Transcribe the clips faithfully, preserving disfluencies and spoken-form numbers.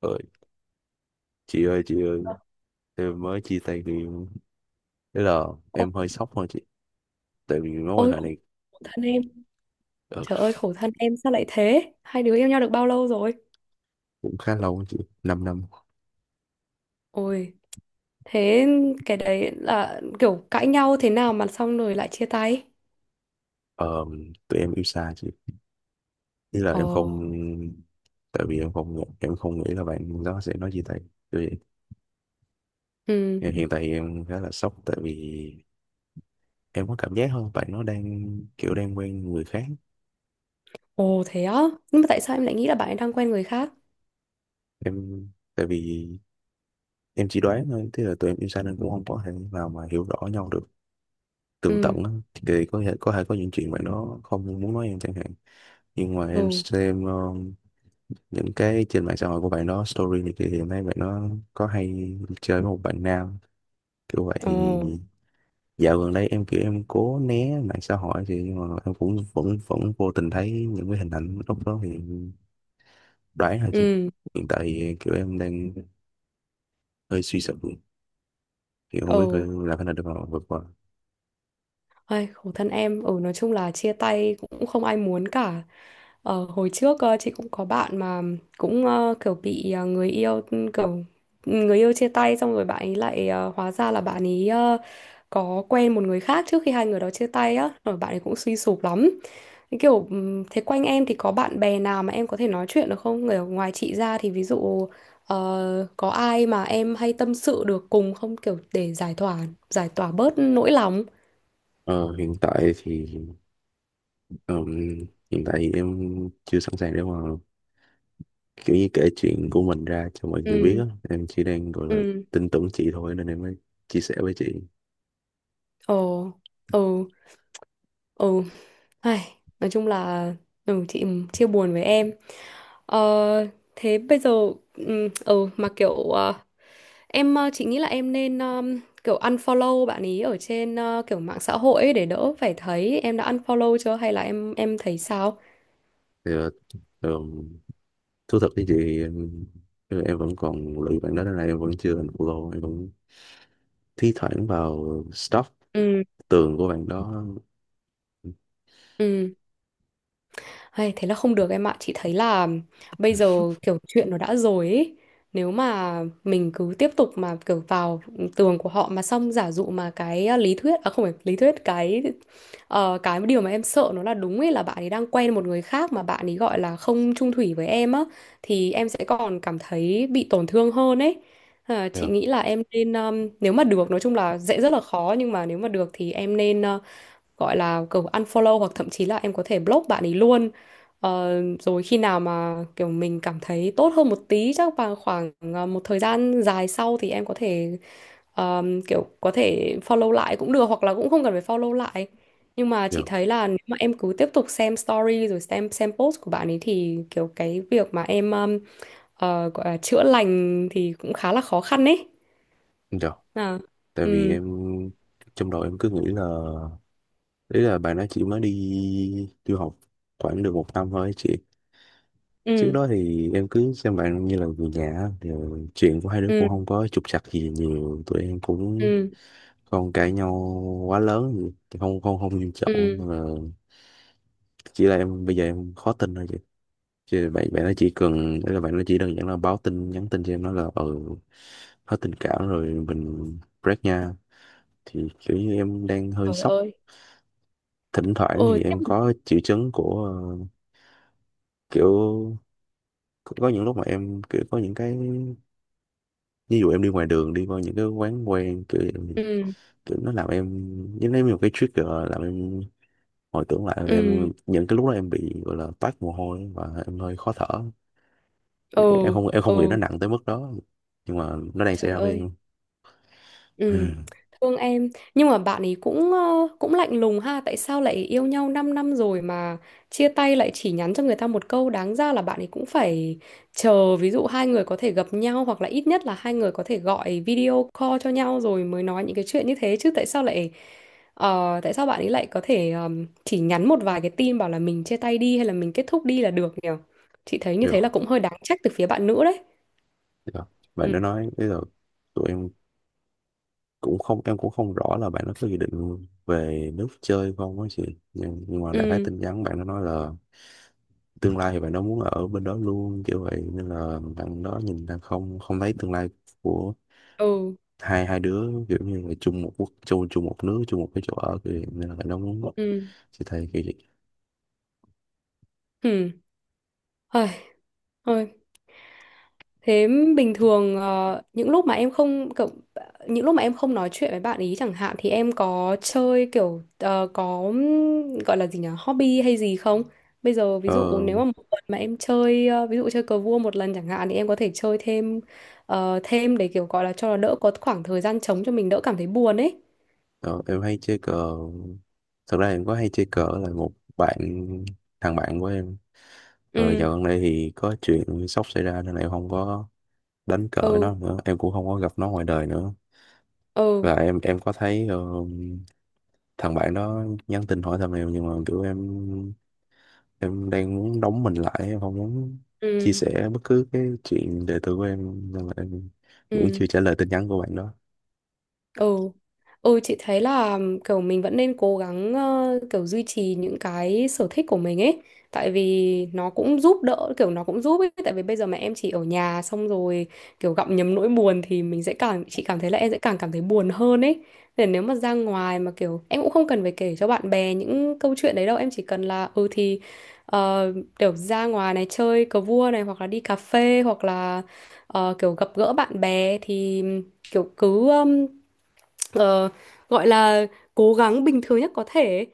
Ơi, chị ơi chị ơi, em mới chia tay người yêu. Thế là Ô- em hơi sốc thôi chị. Tại vì mối quan Ôi hệ khổ, này khổ thân em. ờ, Trời ơi, khổ thân em, sao lại thế? Hai đứa yêu nhau được bao lâu rồi? cũng khá lâu á chị, 5 năm năm. Ôi, thế cái đấy là kiểu cãi nhau thế nào mà xong rồi lại chia tay? Ờ, Tụi em yêu xa chị. Ý là Ồ. em không, tại vì em không em không nghĩ là bạn đó sẽ nói chia tay. Tại vì Ừ. hiện hiện tại em khá là sốc. Tại vì em có cảm giác hơn bạn nó đang kiểu đang quen người khác. Ồ, thế á? Nhưng mà tại sao em lại nghĩ là bạn ấy đang quen người khác? em Tại vì em chỉ đoán thôi. Thế là tụi em yêu xa nên cũng không có thể nào mà hiểu rõ nhau được tường Ừ. tận á, thì có thể có thể có những chuyện bạn đó không muốn nói em chẳng hạn. Nhưng mà Ồ. em xem ờ, những cái trên mạng xã hội của bạn đó, story này kia, thì em thấy bạn đó có hay chơi với một bạn nam kiểu vậy. Ồ. Thì dạo gần đây em kiểu em cố né mạng xã hội thì, nhưng mà em cũng vẫn vẫn vô tình thấy những cái hình ảnh lúc đó, thì đoán là chứ. Ừ. Hiện tại thì kiểu em đang hơi suy sụp, thì không Ồ. biết phải làm thế nào để mà vượt qua. Ai, khổ thân em, ừ nói chung là chia tay cũng không ai muốn cả. Ờ, hồi trước ờ, chị cũng có bạn mà cũng ờ, kiểu bị ờ, người yêu, kiểu người yêu chia tay xong rồi bạn ấy lại ờ, hóa ra là bạn ấy ờ, có quen một người khác trước khi hai người đó chia tay á, rồi bạn ấy cũng suy sụp lắm. Thế kiểu ừm, thế quanh em thì có bạn bè nào mà em có thể nói chuyện được không, người ngoài chị ra thì ví dụ ờ, có ai mà em hay tâm sự được cùng không, kiểu để giải tỏa giải tỏa bớt nỗi lòng? Ờ, hiện tại thì ừm, Hiện tại thì em chưa sẵn sàng để mà kiểu như kể chuyện của mình ra cho mọi người biết Ừ. á. Em chỉ đang gọi là Ừ. tin tưởng chị thôi nên em mới chia sẻ với chị. Ồ. Ờ. Ờ. Ai, nói chung là, ừ, chị chia buồn với em. ờ, Thế bây giờ, ừ, ờ, mà kiểu ờ, em ờ, chị nghĩ là em nên um, kiểu unfollow bạn ý ở trên ờ, kiểu mạng xã hội ấy để đỡ phải thấy. Em đã unfollow chưa hay là em em thấy sao? thì ờ, ờm, Thú thật với chị thì em, em vẫn còn lụy bạn đó nên là em vẫn chưa unfollow, em vẫn thi thoảng vào stalk Ừ. tường của bạn đó. Ừ. Hay, thế là không được em ạ. Chị thấy là bây giờ kiểu chuyện nó đã rồi ấy. Nếu mà mình cứ tiếp tục mà kiểu vào tường của họ mà xong giả dụ mà cái uh, lý thuyết, à không phải lý thuyết, cái ờ, cái điều mà em sợ nó là đúng ấy, là bạn ấy đang quen một người khác mà bạn ấy gọi là không chung thủy với em á, thì em sẽ còn cảm thấy bị tổn thương hơn ấy. Ờ, chị Dạ, nghĩ là em nên, um, nếu mà được, nói chung là dễ rất là khó, nhưng mà nếu mà được thì em nên ờ, gọi là kiểu unfollow, hoặc thậm chí là em có thể block bạn ấy luôn. Ờ, Rồi khi nào mà kiểu mình cảm thấy tốt hơn một tí, chắc vào khoảng ờ, một thời gian dài sau, thì em có thể ờm, kiểu có thể follow lại cũng được, hoặc là cũng không cần phải follow lại. Nhưng mà dạ, chị thấy là nếu mà em cứ tiếp tục xem story rồi xem xem post của bạn ấy thì kiểu cái việc mà em ờm, ờ, gọi là chữa lành thì cũng khá là khó khăn ấy. dạ. À. Tại vì Ừ. em, trong đầu em cứ nghĩ là đấy là bạn đó chỉ mới đi du học khoảng được một năm thôi chị. Trước Ừ. đó thì em cứ xem bạn như là người nhà á, thì chuyện của hai đứa cũng Ừ. không có trục trặc gì nhiều, tụi em cũng Ừ. không cãi nhau quá lớn gì. Thì không không không nghiêm trọng mà Ừ. là, chỉ là em bây giờ em khó tin thôi chị. Chứ bạn bạn nó chỉ cần, đấy là bạn nó chỉ đơn giản là báo tin, nhắn tin cho em nói là ừ, hết tình cảm rồi, mình break nha. Thì kiểu như em đang hơi Trời sốc. ơi. Thỉnh thoảng Ừ. thì em có triệu chứng của ờ, kiểu, có có những lúc mà em kiểu có những cái, ví dụ em đi ngoài đường đi qua những cái quán quen kiểu, Ừ. kiểu nó làm em giống như một cái trigger, làm em hồi tưởng lại. Là Ừ. em những cái lúc đó em bị gọi là toát mồ hôi và em hơi khó thở. Em Ừ. không em Ừ. không nghĩ nó nặng tới mức đó nhưng mà nó đang xảy Trời ra với ơi. em. Ừ. Ừ. Thương em, nhưng mà bạn ấy cũng ờ, cũng lạnh lùng ha, tại sao lại yêu nhau 5 năm rồi mà chia tay lại chỉ nhắn cho người ta một câu? Đáng ra là bạn ấy cũng phải chờ, ví dụ hai người có thể gặp nhau, hoặc là ít nhất là hai người có thể gọi video call cho nhau rồi mới nói những cái chuyện như thế chứ. Tại sao lại ờ, tại sao bạn ấy lại có thể ờm, chỉ nhắn một vài cái tin bảo là mình chia tay đi hay là mình kết thúc đi là được nhỉ? Chị thấy như rồi thế là cũng hơi đáng trách từ phía bạn nữ đấy. rồi bạn đã nói bây giờ tụi em cũng không, em cũng không rõ là bạn nó có dự định về nước chơi không á chị. Nhưng, nhưng mà đại khái Ừ. tin nhắn bạn nó nói là tương lai thì bạn đó muốn ở bên đó luôn kiểu vậy, nên là bạn đó nhìn đang không không thấy tương lai của Ừ. hai hai đứa, kiểu như là chung một quốc, chung chung một nước, chung một cái chỗ ở kiểu vậy. Nên là bạn đó muốn Ừ. sẽ thầy kiểu vậy. Ừ. Thôi, thôi. Thế bình thường, ờ, những lúc mà em không cậu- những lúc mà em không nói chuyện với bạn ý chẳng hạn, thì em có chơi kiểu ờ, có gọi là gì nhỉ, hobby hay gì không? Bây giờ ví dụ ờ, nếu mà một tuần mà em chơi ờ, ví dụ chơi cờ vua một lần chẳng hạn, thì em có thể chơi thêm ờ, thêm để kiểu gọi là cho nó đỡ có khoảng thời gian trống, cho mình đỡ cảm thấy buồn ấy. ờ, em hay chơi cờ. Thật ra em có hay chơi cờ là một bạn thằng bạn của em. Ờ, ừ. Dạo gần đây thì có chuyện sốc xảy ra nên là em không có đánh cờ với nó Ừ. nữa, em cũng không có gặp nó ngoài đời nữa. Ừ. Và em em có thấy ờ, thằng bạn đó nhắn tin hỏi thăm em, nhưng mà kiểu em em đang muốn đóng mình lại, em không muốn chia Ừ. sẻ bất cứ cái chuyện đời tư của em, nên là em vẫn Ừ. chưa trả lời tin nhắn của bạn đó. Ừ. Ừ chị thấy là kiểu mình vẫn nên cố gắng ờ, kiểu duy trì những cái sở thích của mình ấy, tại vì nó cũng giúp đỡ, kiểu nó cũng giúp ấy. Tại vì bây giờ mà em chỉ ở nhà xong rồi kiểu gặm nhấm nỗi buồn thì mình sẽ càng, chị cảm thấy là em sẽ càng cảm thấy buồn hơn ấy, nên nếu mà ra ngoài mà kiểu em cũng không cần phải kể cho bạn bè những câu chuyện đấy đâu, em chỉ cần là ừ thì ờ, kiểu ra ngoài này chơi cờ vua này, hoặc là đi cà phê, hoặc là ờ, kiểu gặp gỡ bạn bè, thì kiểu cứ ờ, gọi là cố gắng bình thường nhất có thể ấy.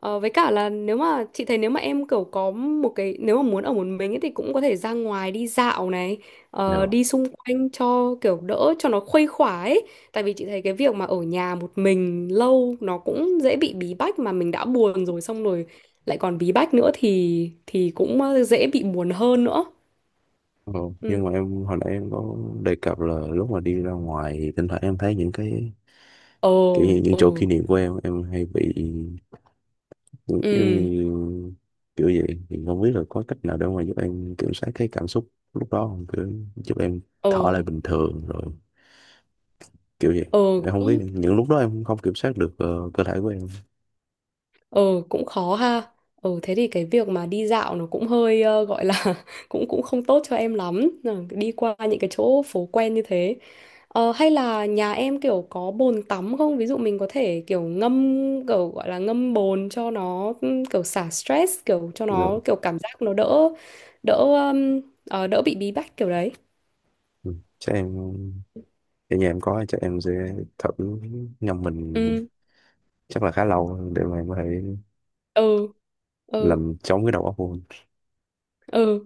Ờ, với cả là nếu mà, chị thấy nếu mà em kiểu có một cái, nếu mà muốn ở một mình ấy, thì cũng có thể ra ngoài đi dạo này, ờ, Dạ. đi xung quanh cho kiểu đỡ, cho nó khuây khỏa ấy, tại vì chị thấy cái việc mà ở nhà một mình lâu nó cũng dễ bị bí bách, mà mình đã buồn rồi xong rồi lại còn bí bách nữa thì thì cũng ờ, dễ bị buồn hơn nữa. Ừ. Nhưng Ừ. mà em hồi nãy em có đề cập là lúc mà đi ra ngoài thì thỉnh thoảng em thấy những cái Ờ. kiểu như những chỗ Ừ. kỷ niệm của em em hay bị giống Ừ. như kiểu vậy. Thì không biết là có cách nào để mà giúp em kiểm soát cái cảm xúc lúc đó không, kiểu giúp em Ờ. thở lại bình thường rồi kiểu vậy. Ờ. Em không biết, những lúc đó em không kiểm soát được ờ, cơ thể của em. Ừ, cũng khó ha. Ừ, thế thì cái việc mà đi dạo nó cũng hơi ờ, gọi là cũng cũng không tốt cho em lắm. Ừ, đi qua những cái chỗ phố quen như thế. Ờ, hay là nhà em kiểu có bồn tắm không? Ví dụ mình có thể kiểu ngâm, kiểu gọi là ngâm bồn cho nó ừ, kiểu xả stress, kiểu cho Nhưng nó kiểu cảm giác nó đỡ đỡ um, ờ, đỡ bị bí bách kiểu đấy. ừ, chắc em, ở nhà em có, chắc em sẽ thử ngâm mình Ừ. chắc là khá lâu để mà em có thể Ừ. Ừ. làm chống cái đầu óc của mình. Ừ.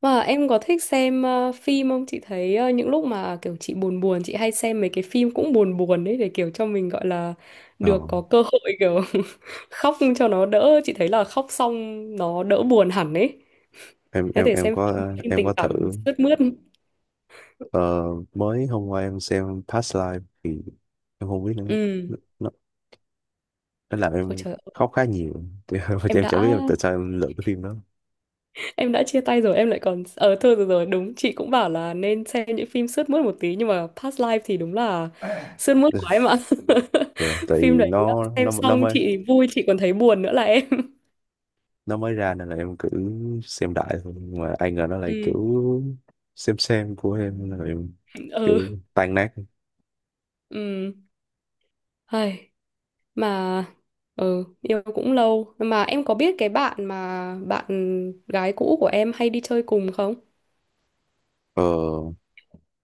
Và em có thích xem ờ, phim không? Chị thấy ờ, những lúc mà kiểu chị buồn buồn, chị hay xem mấy cái phim cũng buồn buồn đấy, để kiểu cho mình gọi là được ờ, có cơ hội kiểu khóc cho nó đỡ. Chị thấy là khóc xong nó đỡ buồn hẳn ấy. em Em em có thể em xem phim, có phim em tình có thử. cảm sướt mướt. ờ, Mới hôm qua em xem Past Life thì em không biết nữa, Ừ. nó, nó nó làm Ôi em trời ơi, khóc khá nhiều thì em em đã chả biết tại sao em lựa cái phim đó. em đã chia tay rồi em lại còn ờ thôi rồi, rồi đúng, chị cũng bảo là nên xem những phim sướt mướt một tí, nhưng mà Past Life thì đúng là sướt mướt quá em ạ Được, tại vì phim đấy nó nó xem nó xong mới, chị vui chị còn thấy buồn nữa là em nó mới ra nên là em cứ xem đại thôi, nhưng mà ai ngờ nó lại ừ. kiểu xem xem của em, nên là em kiểu Ừ. tan nát. Ừ. Hay mà, ừ yêu cũng lâu mà, em có biết cái bạn mà bạn gái cũ của em hay đi chơi cùng không? ờ,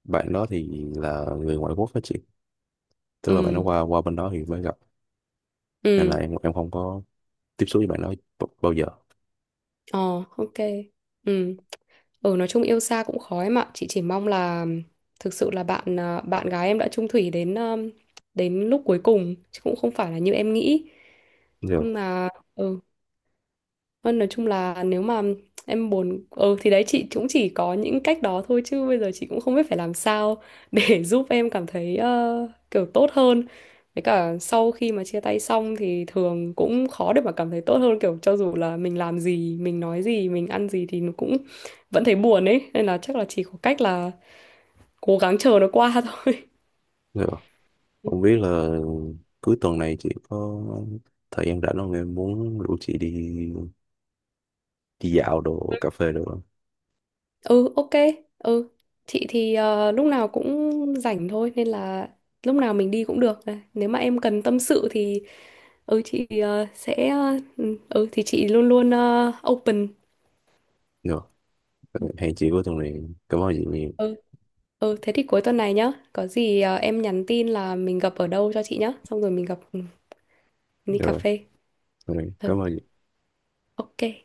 Bạn đó thì là người ngoại quốc đó chị. Tức là bạn nó Ừ. qua qua bên đó thì mới gặp, nên là Ừ. em em không có tiếp xúc với bạn đó b- bao giờ. Ờ. Ok. Ừ. Ừ, nói chung yêu xa cũng khó em ạ. Chị chỉ mong là thực sự là bạn, à, bạn gái em đã chung thủy đến um, đến lúc cuối cùng chứ cũng không phải là như em nghĩ. giờ Nhưng mà ừ, Vâng, nói chung là nếu mà em buồn, ừ thì đấy chị cũng chỉ có những cách đó thôi, chứ bây giờ chị cũng không biết phải làm sao để giúp em cảm thấy ờ, kiểu tốt hơn. Với cả sau khi mà chia tay xong thì thường cũng khó để mà cảm thấy tốt hơn, kiểu cho dù là mình làm gì, mình nói gì, mình ăn gì thì nó cũng vẫn thấy buồn ấy. Nên là chắc là chỉ có cách là cố gắng chờ nó qua thôi. giờ không biết là cuối tuần này chị có thời gian rảnh không, em muốn rủ chị đi đi dạo đồ, cà phê được không? Ừ, ok. Ừ. Chị thì ờ, lúc nào cũng rảnh thôi, nên là lúc nào mình đi cũng được. Nếu mà em cần tâm sự thì ừ chị ờ, sẽ, ờ, ừ ừ, thì chị luôn luôn ờ, open. Được. Hẹn chị cuối tuần này. Cảm ơn chị nhiều. Ừ. Ừ thế thì cuối tuần này nhá, có gì ờ, em nhắn tin là mình gặp ở đâu cho chị nhá, xong rồi mình gặp, ừ, đi cà rồi phê. rồi Ừ, cảm ơn chị. ok.